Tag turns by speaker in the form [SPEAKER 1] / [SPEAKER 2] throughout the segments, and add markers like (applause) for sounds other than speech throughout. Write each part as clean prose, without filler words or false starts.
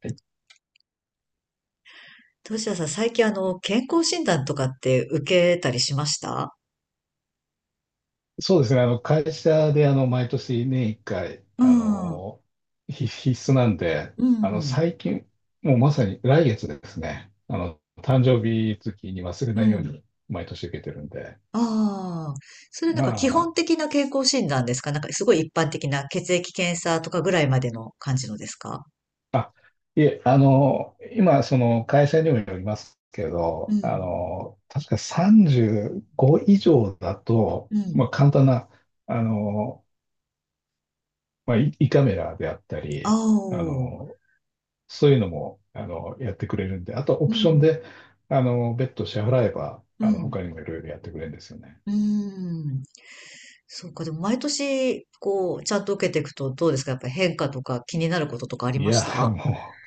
[SPEAKER 1] はい。
[SPEAKER 2] どうしよさん、最近健康診断とかって受けたりしました？
[SPEAKER 1] そうですね。会社で、毎年年1回、
[SPEAKER 2] うん、う
[SPEAKER 1] 必須なんで、
[SPEAKER 2] ん、
[SPEAKER 1] 最近、もうまさに来月ですね。誕生日月に忘れ
[SPEAKER 2] う
[SPEAKER 1] ないよう
[SPEAKER 2] ん。
[SPEAKER 1] に毎年受けてるんで。
[SPEAKER 2] ああ、それなん
[SPEAKER 1] ま
[SPEAKER 2] か基
[SPEAKER 1] あ、
[SPEAKER 2] 本的な健康診断ですか？なんかすごい一般的な血液検査とかぐらいまでの感じのですか？
[SPEAKER 1] あ、いえ、今、その、会社にもよりますけ
[SPEAKER 2] う
[SPEAKER 1] ど、
[SPEAKER 2] ん、
[SPEAKER 1] 確か35以上だと、
[SPEAKER 2] う
[SPEAKER 1] まあ、
[SPEAKER 2] ん。
[SPEAKER 1] 簡単な、あの、まあ、胃カメラであった
[SPEAKER 2] あ
[SPEAKER 1] り、
[SPEAKER 2] あ
[SPEAKER 1] あ
[SPEAKER 2] う
[SPEAKER 1] の、そういうのも、やってくれるんで、あとオプション
[SPEAKER 2] ん、
[SPEAKER 1] で、別途支払えば、
[SPEAKER 2] うん、
[SPEAKER 1] 他にもいろいろやってくれるんですよね。
[SPEAKER 2] うん。そうか、でも毎年、こう、ちゃんと受けていくとどうですか？やっぱり変化とか気になることとかあり
[SPEAKER 1] い
[SPEAKER 2] ま
[SPEAKER 1] や、
[SPEAKER 2] した？
[SPEAKER 1] も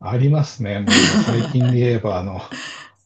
[SPEAKER 1] う、ありますね。もう、
[SPEAKER 2] (laughs) あ
[SPEAKER 1] 最近で言えば、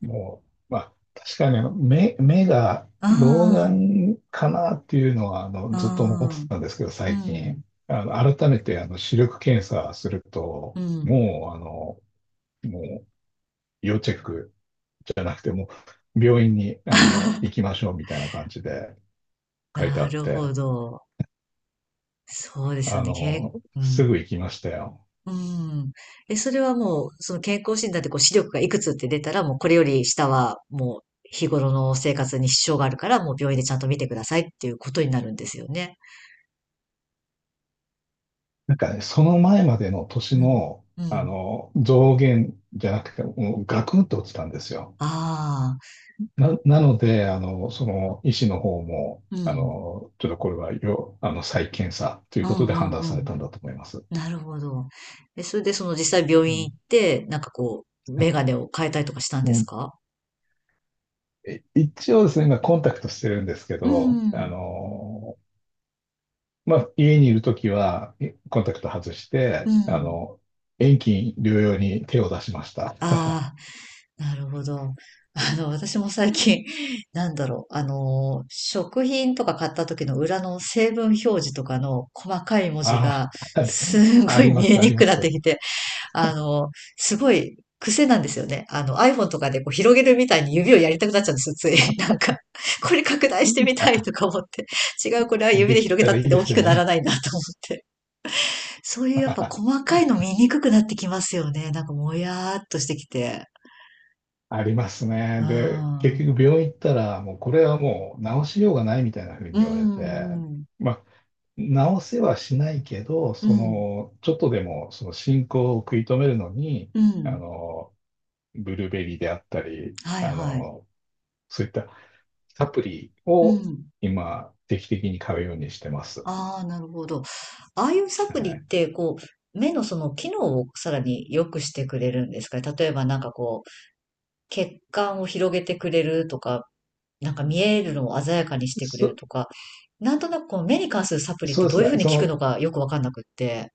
[SPEAKER 1] もう、まあ、確かに目が老
[SPEAKER 2] あ、
[SPEAKER 1] 眼かなっていうのは、
[SPEAKER 2] あ
[SPEAKER 1] ずっと思って
[SPEAKER 2] あ、
[SPEAKER 1] たんですけど、
[SPEAKER 2] う
[SPEAKER 1] 最
[SPEAKER 2] ん、
[SPEAKER 1] 近。改めて、視力検査する
[SPEAKER 2] う
[SPEAKER 1] と、
[SPEAKER 2] ん。
[SPEAKER 1] もう、要チェックじゃなくて、もう、病院に、行き
[SPEAKER 2] (laughs)
[SPEAKER 1] ましょうみたいな感じで、書いてあ
[SPEAKER 2] な
[SPEAKER 1] っ
[SPEAKER 2] るほ
[SPEAKER 1] て、
[SPEAKER 2] ど。そうですよ
[SPEAKER 1] あ
[SPEAKER 2] ね。け、
[SPEAKER 1] の、
[SPEAKER 2] う
[SPEAKER 1] すぐ
[SPEAKER 2] ん。
[SPEAKER 1] 行きましたよ。
[SPEAKER 2] うん。え、それはもう、その健康診断でこう視力がいくつって出たら、もうこれより下はもう日頃の生活に支障があるから、もう病院でちゃんと見てくださいっていうことになるんですよね。
[SPEAKER 1] なんかね、その前までの年
[SPEAKER 2] うん。
[SPEAKER 1] の、
[SPEAKER 2] うん。
[SPEAKER 1] 増減じゃなくて、もうガクンと落ちたんですよ。
[SPEAKER 2] ああ。
[SPEAKER 1] なので、その医師の方も、
[SPEAKER 2] うん。
[SPEAKER 1] ちょっとこれはよ、あの、再検査とい
[SPEAKER 2] う
[SPEAKER 1] うことで判
[SPEAKER 2] んう
[SPEAKER 1] 断
[SPEAKER 2] んう
[SPEAKER 1] され
[SPEAKER 2] ん。
[SPEAKER 1] たんだと思います。
[SPEAKER 2] なるほど。え、それでその実際病
[SPEAKER 1] う
[SPEAKER 2] 院行
[SPEAKER 1] ん
[SPEAKER 2] って、なんかこう、メガネを変えたりとかしたん
[SPEAKER 1] も
[SPEAKER 2] です
[SPEAKER 1] う
[SPEAKER 2] か？
[SPEAKER 1] え一応ですね、今コンタクトしてるんですけ
[SPEAKER 2] う
[SPEAKER 1] ど、
[SPEAKER 2] ん。
[SPEAKER 1] まあ、家にいるときは、コンタクト外し
[SPEAKER 2] う
[SPEAKER 1] て、
[SPEAKER 2] ん。
[SPEAKER 1] 遠近療養に手を出しました。(laughs)
[SPEAKER 2] ああ。なるほど。(laughs) 私も最近、(laughs) なんだろう、食品とか買った時の裏の成分表示とかの細かい文字
[SPEAKER 1] あ
[SPEAKER 2] が、
[SPEAKER 1] あ、(laughs)
[SPEAKER 2] す
[SPEAKER 1] あ
[SPEAKER 2] ご
[SPEAKER 1] り
[SPEAKER 2] い
[SPEAKER 1] ま
[SPEAKER 2] 見え
[SPEAKER 1] す、あ
[SPEAKER 2] に
[SPEAKER 1] り
[SPEAKER 2] く
[SPEAKER 1] ま
[SPEAKER 2] くなって
[SPEAKER 1] す。
[SPEAKER 2] きて、あの、すごい癖なんですよね。iPhone とかでこう広げるみたいに指をやりたくなっちゃうんですよ、つい。(laughs) なんか、これ拡大してみたい
[SPEAKER 1] あ、
[SPEAKER 2] とか思って。違う、これは指
[SPEAKER 1] で
[SPEAKER 2] で
[SPEAKER 1] き
[SPEAKER 2] 広げ
[SPEAKER 1] た
[SPEAKER 2] たっ
[SPEAKER 1] らいい
[SPEAKER 2] て
[SPEAKER 1] で
[SPEAKER 2] 大
[SPEAKER 1] す
[SPEAKER 2] き
[SPEAKER 1] よ
[SPEAKER 2] くなら
[SPEAKER 1] ね。
[SPEAKER 2] ないなと思って。そういうやっぱ細かいの見
[SPEAKER 1] (laughs)
[SPEAKER 2] にくくなってきますよね。なんかもやーっとしてきて。
[SPEAKER 1] あります
[SPEAKER 2] う
[SPEAKER 1] ね。で、
[SPEAKER 2] ん。
[SPEAKER 1] 結局病院行ったら、もうこれはもう治しようがないみたいな風に
[SPEAKER 2] う
[SPEAKER 1] 言われて、
[SPEAKER 2] ん、うん、
[SPEAKER 1] まあ、治せはしないけど、
[SPEAKER 2] う
[SPEAKER 1] そ
[SPEAKER 2] ん、
[SPEAKER 1] の、ちょっとでもその進行を食い止めるのに、
[SPEAKER 2] う
[SPEAKER 1] あ
[SPEAKER 2] ん。
[SPEAKER 1] の、ブルーベリーであったり、
[SPEAKER 2] はいはい。
[SPEAKER 1] そういったサプリ
[SPEAKER 2] う
[SPEAKER 1] を
[SPEAKER 2] ん。
[SPEAKER 1] 今、定期的に買うようにしてます。
[SPEAKER 2] ああ、なるほど。ああいうサ
[SPEAKER 1] は
[SPEAKER 2] プリ
[SPEAKER 1] い。
[SPEAKER 2] って、こう、目のその機能をさらに良くしてくれるんですかね。例えばなんかこう、血管を広げてくれるとか、なんか見えるのを鮮やかにしてくれる
[SPEAKER 1] そ、
[SPEAKER 2] とか、なんとなくこの目に関するサプリっ
[SPEAKER 1] そ
[SPEAKER 2] て
[SPEAKER 1] うで
[SPEAKER 2] ど
[SPEAKER 1] す
[SPEAKER 2] ういうふう
[SPEAKER 1] ね。
[SPEAKER 2] に効くのかよくわかんなくって。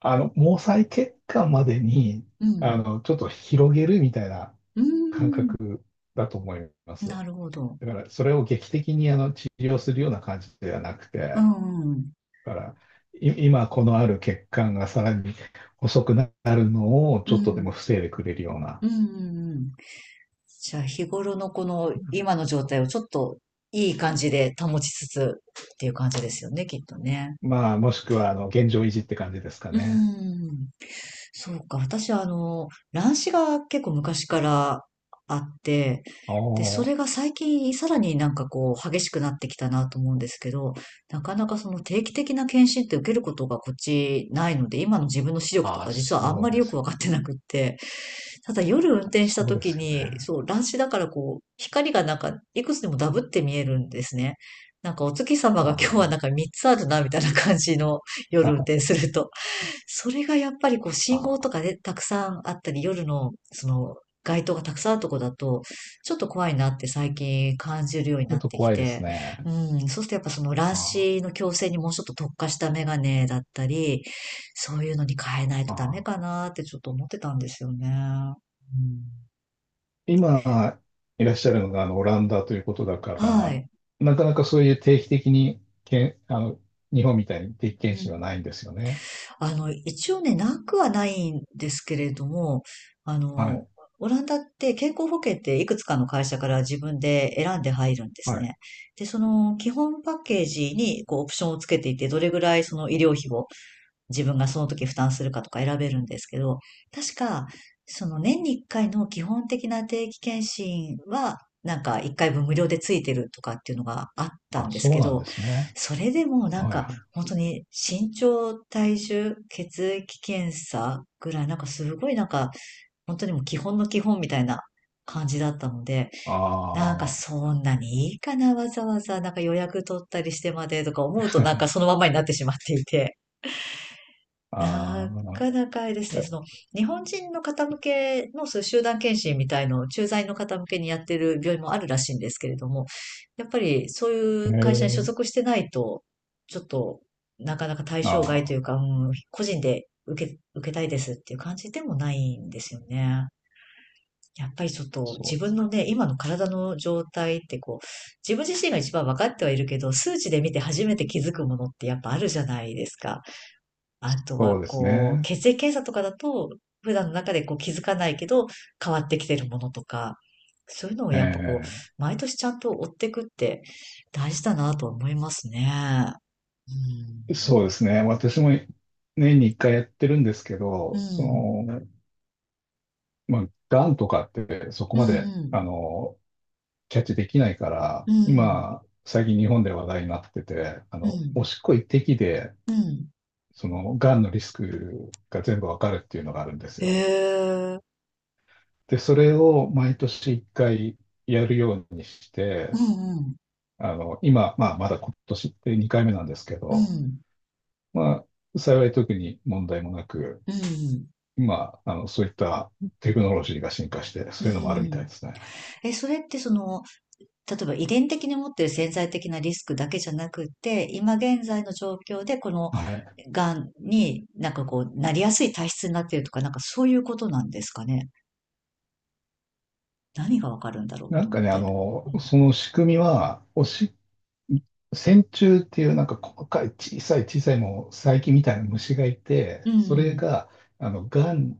[SPEAKER 1] 毛細血管までに、
[SPEAKER 2] うん。
[SPEAKER 1] ちょっと広げるみたいな
[SPEAKER 2] うー
[SPEAKER 1] 感
[SPEAKER 2] ん。
[SPEAKER 1] 覚だと思います。
[SPEAKER 2] なるほど。
[SPEAKER 1] だから、それを劇的に治療するような感じではなくて、
[SPEAKER 2] う
[SPEAKER 1] だ
[SPEAKER 2] ん、うん。
[SPEAKER 1] から、今このある血管がさらに細くなるのを
[SPEAKER 2] う
[SPEAKER 1] ちょっとでも
[SPEAKER 2] ん、
[SPEAKER 1] 防いでくれるような、
[SPEAKER 2] うん、うん。うんじゃあ日頃のこの今の状態をちょっといい感じで保ちつつっていう感じですよね、きっとね。
[SPEAKER 1] まあ、もしくは現状維持って感じですか
[SPEAKER 2] うー
[SPEAKER 1] ね。
[SPEAKER 2] ん。そうか。私は、乱視が結構昔からあって、
[SPEAKER 1] お
[SPEAKER 2] で、そ
[SPEAKER 1] ー。
[SPEAKER 2] れが最近さらになんかこう激しくなってきたなと思うんですけど、なかなかその定期的な検診って受けることがこっちないので、今の自分の視力と
[SPEAKER 1] あー、
[SPEAKER 2] か実はあん
[SPEAKER 1] そう
[SPEAKER 2] まり
[SPEAKER 1] で
[SPEAKER 2] よく
[SPEAKER 1] す。
[SPEAKER 2] わかってなくって、ただ夜運転した
[SPEAKER 1] そうで
[SPEAKER 2] 時
[SPEAKER 1] すよ
[SPEAKER 2] に、
[SPEAKER 1] ね。
[SPEAKER 2] そう、乱視だからこう、光がなんかいくつでもダブって見えるんですね。なんかお月様
[SPEAKER 1] あ
[SPEAKER 2] が今日は
[SPEAKER 1] ー。
[SPEAKER 2] なんか3つあるなみたいな感じの夜運転すると。それがやっぱりこう信
[SPEAKER 1] あ
[SPEAKER 2] 号と
[SPEAKER 1] (laughs)
[SPEAKER 2] かでたくさんあったり、夜のその街灯がたくさんあるとこだと、ちょっと怖いなって最近感じるように
[SPEAKER 1] ちょ
[SPEAKER 2] な
[SPEAKER 1] っ
[SPEAKER 2] っ
[SPEAKER 1] と
[SPEAKER 2] てき
[SPEAKER 1] 怖いです
[SPEAKER 2] て、
[SPEAKER 1] ね。
[SPEAKER 2] うん、そうするとやっぱその乱
[SPEAKER 1] あー、
[SPEAKER 2] 視の矯正にもうちょっと特化したメガネだったり、そういうのに変えない
[SPEAKER 1] あ
[SPEAKER 2] とダメか
[SPEAKER 1] ー。
[SPEAKER 2] なってちょっと思ってたんですよね。うん、
[SPEAKER 1] 今いらっしゃるのがあのオランダということだか
[SPEAKER 2] は
[SPEAKER 1] ら、
[SPEAKER 2] い。
[SPEAKER 1] なかなかそういう定期的にけん、あの、日本みたいに定期
[SPEAKER 2] う
[SPEAKER 1] 検診は
[SPEAKER 2] ん。
[SPEAKER 1] ないんですよね。
[SPEAKER 2] 一応ね、なくはないんですけれども、あ
[SPEAKER 1] は
[SPEAKER 2] の、
[SPEAKER 1] い。
[SPEAKER 2] オランダって健康保険っていくつかの会社から自分で選んで入るんです
[SPEAKER 1] はい。
[SPEAKER 2] ね。で、その基本パッケージにこうオプションをつけていて、どれぐらいその医療費を自分がその時負担するかとか選べるんですけど、確か、その年に1回の基本的な定期検診は、なんか1回分無料でついてるとかっていうのがあったん
[SPEAKER 1] あ、
[SPEAKER 2] です
[SPEAKER 1] そう
[SPEAKER 2] け
[SPEAKER 1] なん
[SPEAKER 2] ど、
[SPEAKER 1] ですね。
[SPEAKER 2] それでもなん
[SPEAKER 1] はい
[SPEAKER 2] か
[SPEAKER 1] はい。
[SPEAKER 2] 本当に身長、体重、血液検査ぐらいなんかすごいなんか本当にもう基本の基本みたいな感じだったので、
[SPEAKER 1] あ
[SPEAKER 2] なんか
[SPEAKER 1] あ。
[SPEAKER 2] そんなにいいかな、わざわざなんか予約取ったりしてまでとか思うとなんかその
[SPEAKER 1] (laughs)
[SPEAKER 2] ままになってしまっていて。
[SPEAKER 1] あ
[SPEAKER 2] なかなかあれです
[SPEAKER 1] あ。
[SPEAKER 2] ね、
[SPEAKER 1] え
[SPEAKER 2] その、日本人の方向けのそういう集団検診みたいのを駐在の方向けにやってる病院もあるらしいんですけれども、やっぱりそういう会社に所
[SPEAKER 1] ー、
[SPEAKER 2] 属してないと、ちょっとなかなか対象外と
[SPEAKER 1] あ
[SPEAKER 2] いう
[SPEAKER 1] あ、
[SPEAKER 2] か、うん、個人で受け、受けたいですっていう感じでもないんですよね。やっぱりちょっと
[SPEAKER 1] そ
[SPEAKER 2] 自
[SPEAKER 1] うで
[SPEAKER 2] 分
[SPEAKER 1] す
[SPEAKER 2] の
[SPEAKER 1] か。
[SPEAKER 2] ね、今の体の状態ってこう、自分自身が一番分かってはいるけど、数値で見て初めて気づくものってやっぱあるじゃないですか。あと
[SPEAKER 1] そう
[SPEAKER 2] は、
[SPEAKER 1] です
[SPEAKER 2] こう、
[SPEAKER 1] ね。
[SPEAKER 2] 血液検査とかだと、普段の中でこう気づかないけど、変わってきてるものとか、そういうのをやっぱこう、
[SPEAKER 1] え
[SPEAKER 2] 毎年ちゃんと追っていくって大事だなとは思いますね。う
[SPEAKER 1] え、そう
[SPEAKER 2] ん。
[SPEAKER 1] ですね。私も年に一回やってるんですけ
[SPEAKER 2] う
[SPEAKER 1] ど、そ
[SPEAKER 2] ん。
[SPEAKER 1] の、まあ、がんとかってそこ
[SPEAKER 2] う
[SPEAKER 1] まで、
[SPEAKER 2] ん。
[SPEAKER 1] キャッチできないから、
[SPEAKER 2] うん。うん。
[SPEAKER 1] 今、最近日本で話題になってて、
[SPEAKER 2] うん。
[SPEAKER 1] おしっこ一滴で、
[SPEAKER 2] うん
[SPEAKER 1] その、がんのリスクが全部わかるっていうのがあるんです
[SPEAKER 2] へ
[SPEAKER 1] よ。
[SPEAKER 2] え。
[SPEAKER 1] で、それを毎年一回やるようにし
[SPEAKER 2] う
[SPEAKER 1] て、
[SPEAKER 2] ん。
[SPEAKER 1] 今、まあ、まだ今年で2回目なんですけ
[SPEAKER 2] う
[SPEAKER 1] ど、
[SPEAKER 2] ん。
[SPEAKER 1] まあ、幸い特に問題もなく、
[SPEAKER 2] うん。
[SPEAKER 1] 今、そういったテクノロジーが進化して、
[SPEAKER 2] う
[SPEAKER 1] そういうのもあ
[SPEAKER 2] ん。
[SPEAKER 1] る
[SPEAKER 2] う
[SPEAKER 1] みたい
[SPEAKER 2] ん。
[SPEAKER 1] ですね。
[SPEAKER 2] え、それってその、例えば遺伝的に持っている潜在的なリスクだけじゃなくって、今現在の状況でこの
[SPEAKER 1] はい。
[SPEAKER 2] 癌になんかこう、なりやすい体質になっているとか、なんかそういうことなんですかね。何がわかるんだろう
[SPEAKER 1] な
[SPEAKER 2] と
[SPEAKER 1] ん
[SPEAKER 2] 思
[SPEAKER 1] か
[SPEAKER 2] っ
[SPEAKER 1] ね、
[SPEAKER 2] て。うん。
[SPEAKER 1] その仕組みは、おしっ線虫っていうなんか細かい小さい小さいもう細菌みたいな虫がいて、
[SPEAKER 2] う
[SPEAKER 1] それ
[SPEAKER 2] ん
[SPEAKER 1] が、がん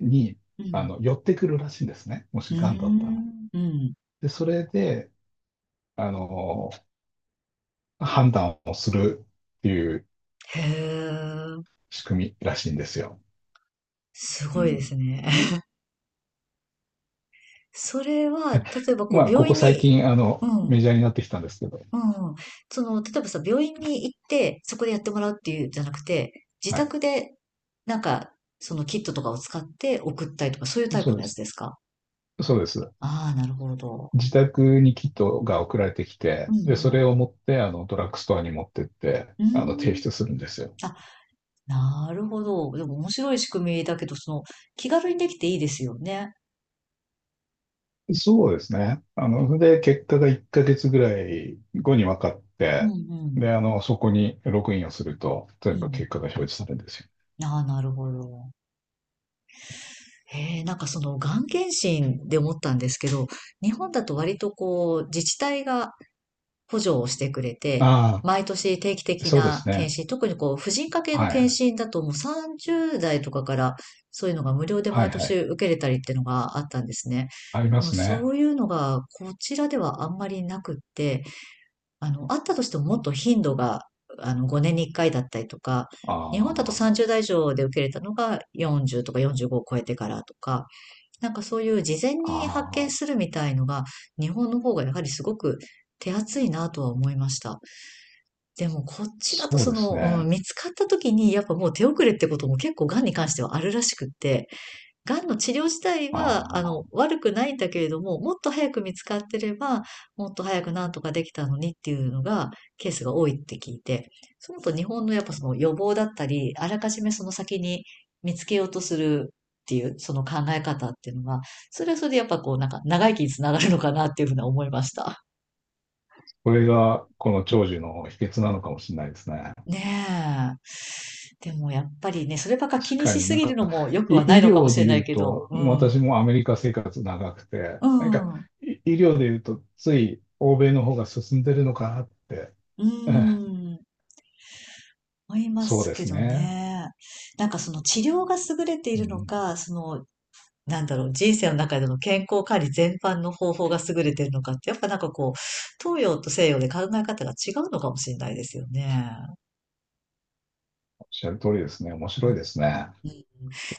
[SPEAKER 1] に、
[SPEAKER 2] うん。うん。
[SPEAKER 1] 寄ってくるらしいんですね。も
[SPEAKER 2] ー
[SPEAKER 1] しがんだったら。
[SPEAKER 2] ん。うん。
[SPEAKER 1] で、それで、あの、判断をするっていう
[SPEAKER 2] へえ。
[SPEAKER 1] 仕組みらしいんですよ。
[SPEAKER 2] す
[SPEAKER 1] う
[SPEAKER 2] ごいで
[SPEAKER 1] ん。
[SPEAKER 2] すね。(laughs) それは、例えばこ
[SPEAKER 1] ま
[SPEAKER 2] う、
[SPEAKER 1] あ、こ
[SPEAKER 2] 病
[SPEAKER 1] こ
[SPEAKER 2] 院
[SPEAKER 1] 最
[SPEAKER 2] に、
[SPEAKER 1] 近、
[SPEAKER 2] う
[SPEAKER 1] メ
[SPEAKER 2] ん。
[SPEAKER 1] ジャーになってきたんですけど、
[SPEAKER 2] うん。その、例えばさ、病院に行って、そこでやってもらうっていうんじゃなくて、自
[SPEAKER 1] はい。
[SPEAKER 2] 宅で、なんか、そのキットとかを使って送ったりとか、そういうタイ
[SPEAKER 1] そ
[SPEAKER 2] プ
[SPEAKER 1] う
[SPEAKER 2] の
[SPEAKER 1] で
[SPEAKER 2] やつ
[SPEAKER 1] す。
[SPEAKER 2] ですか？
[SPEAKER 1] そうです。
[SPEAKER 2] ああー、なるほど。
[SPEAKER 1] 自宅にキットが送られてき
[SPEAKER 2] う
[SPEAKER 1] て、で、そ
[SPEAKER 2] ん
[SPEAKER 1] れを持って、ドラッグストアに持ってって、
[SPEAKER 2] うん。うー
[SPEAKER 1] 提出するんですよ。
[SPEAKER 2] ん。あ、なるほど。でも面白い仕組みだけど、その、気軽にできていいですよね。
[SPEAKER 1] そうですね。それで、結果が1ヶ月ぐらい後に分かっ
[SPEAKER 2] うんう
[SPEAKER 1] て、
[SPEAKER 2] ん。
[SPEAKER 1] で、そこにログインをすると、
[SPEAKER 2] う
[SPEAKER 1] 全部
[SPEAKER 2] ん。
[SPEAKER 1] 結果が表示されるんですよ。
[SPEAKER 2] ああ、なるほど。へえ、なんかその、がん検診で思ったんですけど、日本だと割とこう、自治体が補助をしてくれて、
[SPEAKER 1] あ
[SPEAKER 2] 毎年定期
[SPEAKER 1] あ、
[SPEAKER 2] 的
[SPEAKER 1] そうで
[SPEAKER 2] な
[SPEAKER 1] すね。
[SPEAKER 2] 検診、特にこう、婦人科系の
[SPEAKER 1] はいは
[SPEAKER 2] 検
[SPEAKER 1] い。
[SPEAKER 2] 診だともう30代とかからそういうのが無料で
[SPEAKER 1] は
[SPEAKER 2] 毎
[SPEAKER 1] いは
[SPEAKER 2] 年
[SPEAKER 1] い。
[SPEAKER 2] 受けれたりっていうのがあったんですね。
[SPEAKER 1] ありま
[SPEAKER 2] もう
[SPEAKER 1] す
[SPEAKER 2] そ
[SPEAKER 1] ね。
[SPEAKER 2] ういうのがこちらではあんまりなくって、あったとしてももっと頻度が、5年に1回だったりとか、日本だと
[SPEAKER 1] あ
[SPEAKER 2] 30代以上で受けれたのが40とか45を超えてからとか、なんかそういう事前
[SPEAKER 1] あ、
[SPEAKER 2] に発見
[SPEAKER 1] ああ、
[SPEAKER 2] するみたいのが、日本の方がやはりすごく手厚いなとは思いました。でもこっちだと
[SPEAKER 1] そう
[SPEAKER 2] そ
[SPEAKER 1] です
[SPEAKER 2] の、うん、
[SPEAKER 1] ね。
[SPEAKER 2] 見つかった時にやっぱもう手遅れってことも結構がんに関してはあるらしくって、癌の治療自体
[SPEAKER 1] あ
[SPEAKER 2] は、
[SPEAKER 1] あ、
[SPEAKER 2] 悪くないんだけれども、もっと早く見つかってれば、もっと早くなんとかできたのにっていうのが、ケースが多いって聞いて、そう思うと日本のやっぱその予防だったり、あらかじめその先に見つけようとするっていう、その考え方っていうのが、それはそれでやっぱこう、なんか長生きにつながるのかなっていうふうには思いました。
[SPEAKER 1] これがこの長寿の秘訣なのかもしれないですね。
[SPEAKER 2] ねえ。でもやっぱりね、そればっか気
[SPEAKER 1] 確
[SPEAKER 2] に
[SPEAKER 1] か
[SPEAKER 2] し
[SPEAKER 1] に
[SPEAKER 2] す
[SPEAKER 1] なん
[SPEAKER 2] ぎる
[SPEAKER 1] か、
[SPEAKER 2] のも良くはない
[SPEAKER 1] 医
[SPEAKER 2] のかも
[SPEAKER 1] 療
[SPEAKER 2] し
[SPEAKER 1] で
[SPEAKER 2] れな
[SPEAKER 1] 言
[SPEAKER 2] い
[SPEAKER 1] う
[SPEAKER 2] けど、
[SPEAKER 1] と、
[SPEAKER 2] うん。
[SPEAKER 1] 私もアメリカ生活長くて、
[SPEAKER 2] う
[SPEAKER 1] なんか、
[SPEAKER 2] ん。う
[SPEAKER 1] 医療で言うと、つい欧米の方が進んでるのかなって、
[SPEAKER 2] ー
[SPEAKER 1] (laughs) ええ、
[SPEAKER 2] ん。思いま
[SPEAKER 1] そう
[SPEAKER 2] す
[SPEAKER 1] で
[SPEAKER 2] け
[SPEAKER 1] す
[SPEAKER 2] ど
[SPEAKER 1] ね。
[SPEAKER 2] ね。なんかその治療が優れてい
[SPEAKER 1] う
[SPEAKER 2] るの
[SPEAKER 1] ん、
[SPEAKER 2] か、その、なんだろう、人生の中での健康管理全般の方法が優れているのかって、やっぱなんかこう、東洋と西洋で考え方が違うのかもしれないですよね。
[SPEAKER 1] おっしゃる通りですね。面
[SPEAKER 2] うん、
[SPEAKER 1] 白いですね。
[SPEAKER 2] うん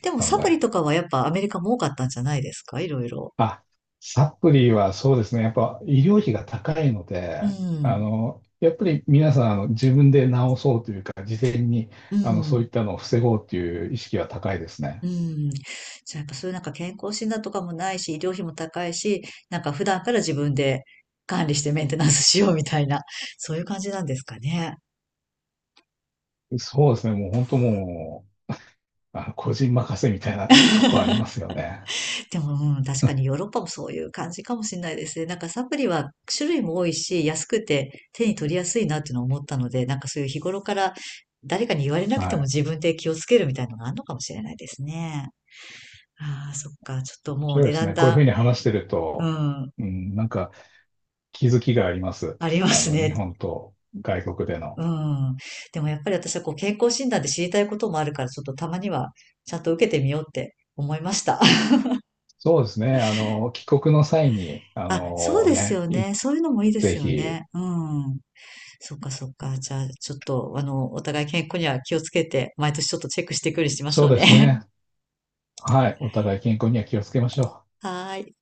[SPEAKER 2] でも
[SPEAKER 1] 考
[SPEAKER 2] サプリ
[SPEAKER 1] え。
[SPEAKER 2] とかはやっぱアメリカも多かったんじゃないですか？いろいろ。
[SPEAKER 1] あ、サプリはそうですね。やっぱ医療費が高いの
[SPEAKER 2] う
[SPEAKER 1] で、
[SPEAKER 2] ん。
[SPEAKER 1] やっぱり皆さん、自分で治そうというか、事前に、
[SPEAKER 2] う
[SPEAKER 1] そうい
[SPEAKER 2] ん。
[SPEAKER 1] ったのを防ごうという意識は高いですね。
[SPEAKER 2] うん。じゃあやっぱそういうなんか健康診断とかもないし、医療費も高いし、なんか普段から自分で管理してメンテナンスしようみたいな、そういう感じなんですかね。
[SPEAKER 1] そうですね。もう本当もう、個人任せみたいなとこありますよね。
[SPEAKER 2] でも、うん、確かにヨーロッパもそういう感じかもしれないですね。なんかサプリは種類も多いし、安くて手に取りやすいなっていうのを思ったので、なんかそういう日頃から誰かに言われな
[SPEAKER 1] は
[SPEAKER 2] くて
[SPEAKER 1] い。
[SPEAKER 2] も
[SPEAKER 1] 面
[SPEAKER 2] 自分で気をつけるみたいなのがあるのかもしれないですね。ああ、そっか。ちょっともう
[SPEAKER 1] 白い
[SPEAKER 2] ね、
[SPEAKER 1] で
[SPEAKER 2] だ
[SPEAKER 1] す
[SPEAKER 2] ん
[SPEAKER 1] ね。こういうふう
[SPEAKER 2] だ
[SPEAKER 1] に話してる
[SPEAKER 2] ん、う
[SPEAKER 1] と、
[SPEAKER 2] ん、
[SPEAKER 1] うん、なんか気づきがあります。
[SPEAKER 2] あります
[SPEAKER 1] 日
[SPEAKER 2] ね。
[SPEAKER 1] 本と外国で
[SPEAKER 2] う
[SPEAKER 1] の。
[SPEAKER 2] ん。でもやっぱり私はこう健康診断で知りたいこともあるから、ちょっとたまにはちゃんと受けてみようって思いました。(laughs)
[SPEAKER 1] そうですね。帰国の際に、
[SPEAKER 2] あ、そうですよね。そういうのもいいで
[SPEAKER 1] ぜ
[SPEAKER 2] すよ
[SPEAKER 1] ひ、
[SPEAKER 2] ね。うん。そっかそっか。じゃあ、ちょっと、お互い健康には気をつけて、毎年ちょっとチェックしていくようにしまし
[SPEAKER 1] そ
[SPEAKER 2] ょ
[SPEAKER 1] う
[SPEAKER 2] う
[SPEAKER 1] です
[SPEAKER 2] ね。
[SPEAKER 1] ね。はい。お互い健康には気をつけましょう。
[SPEAKER 2] (laughs) はーい。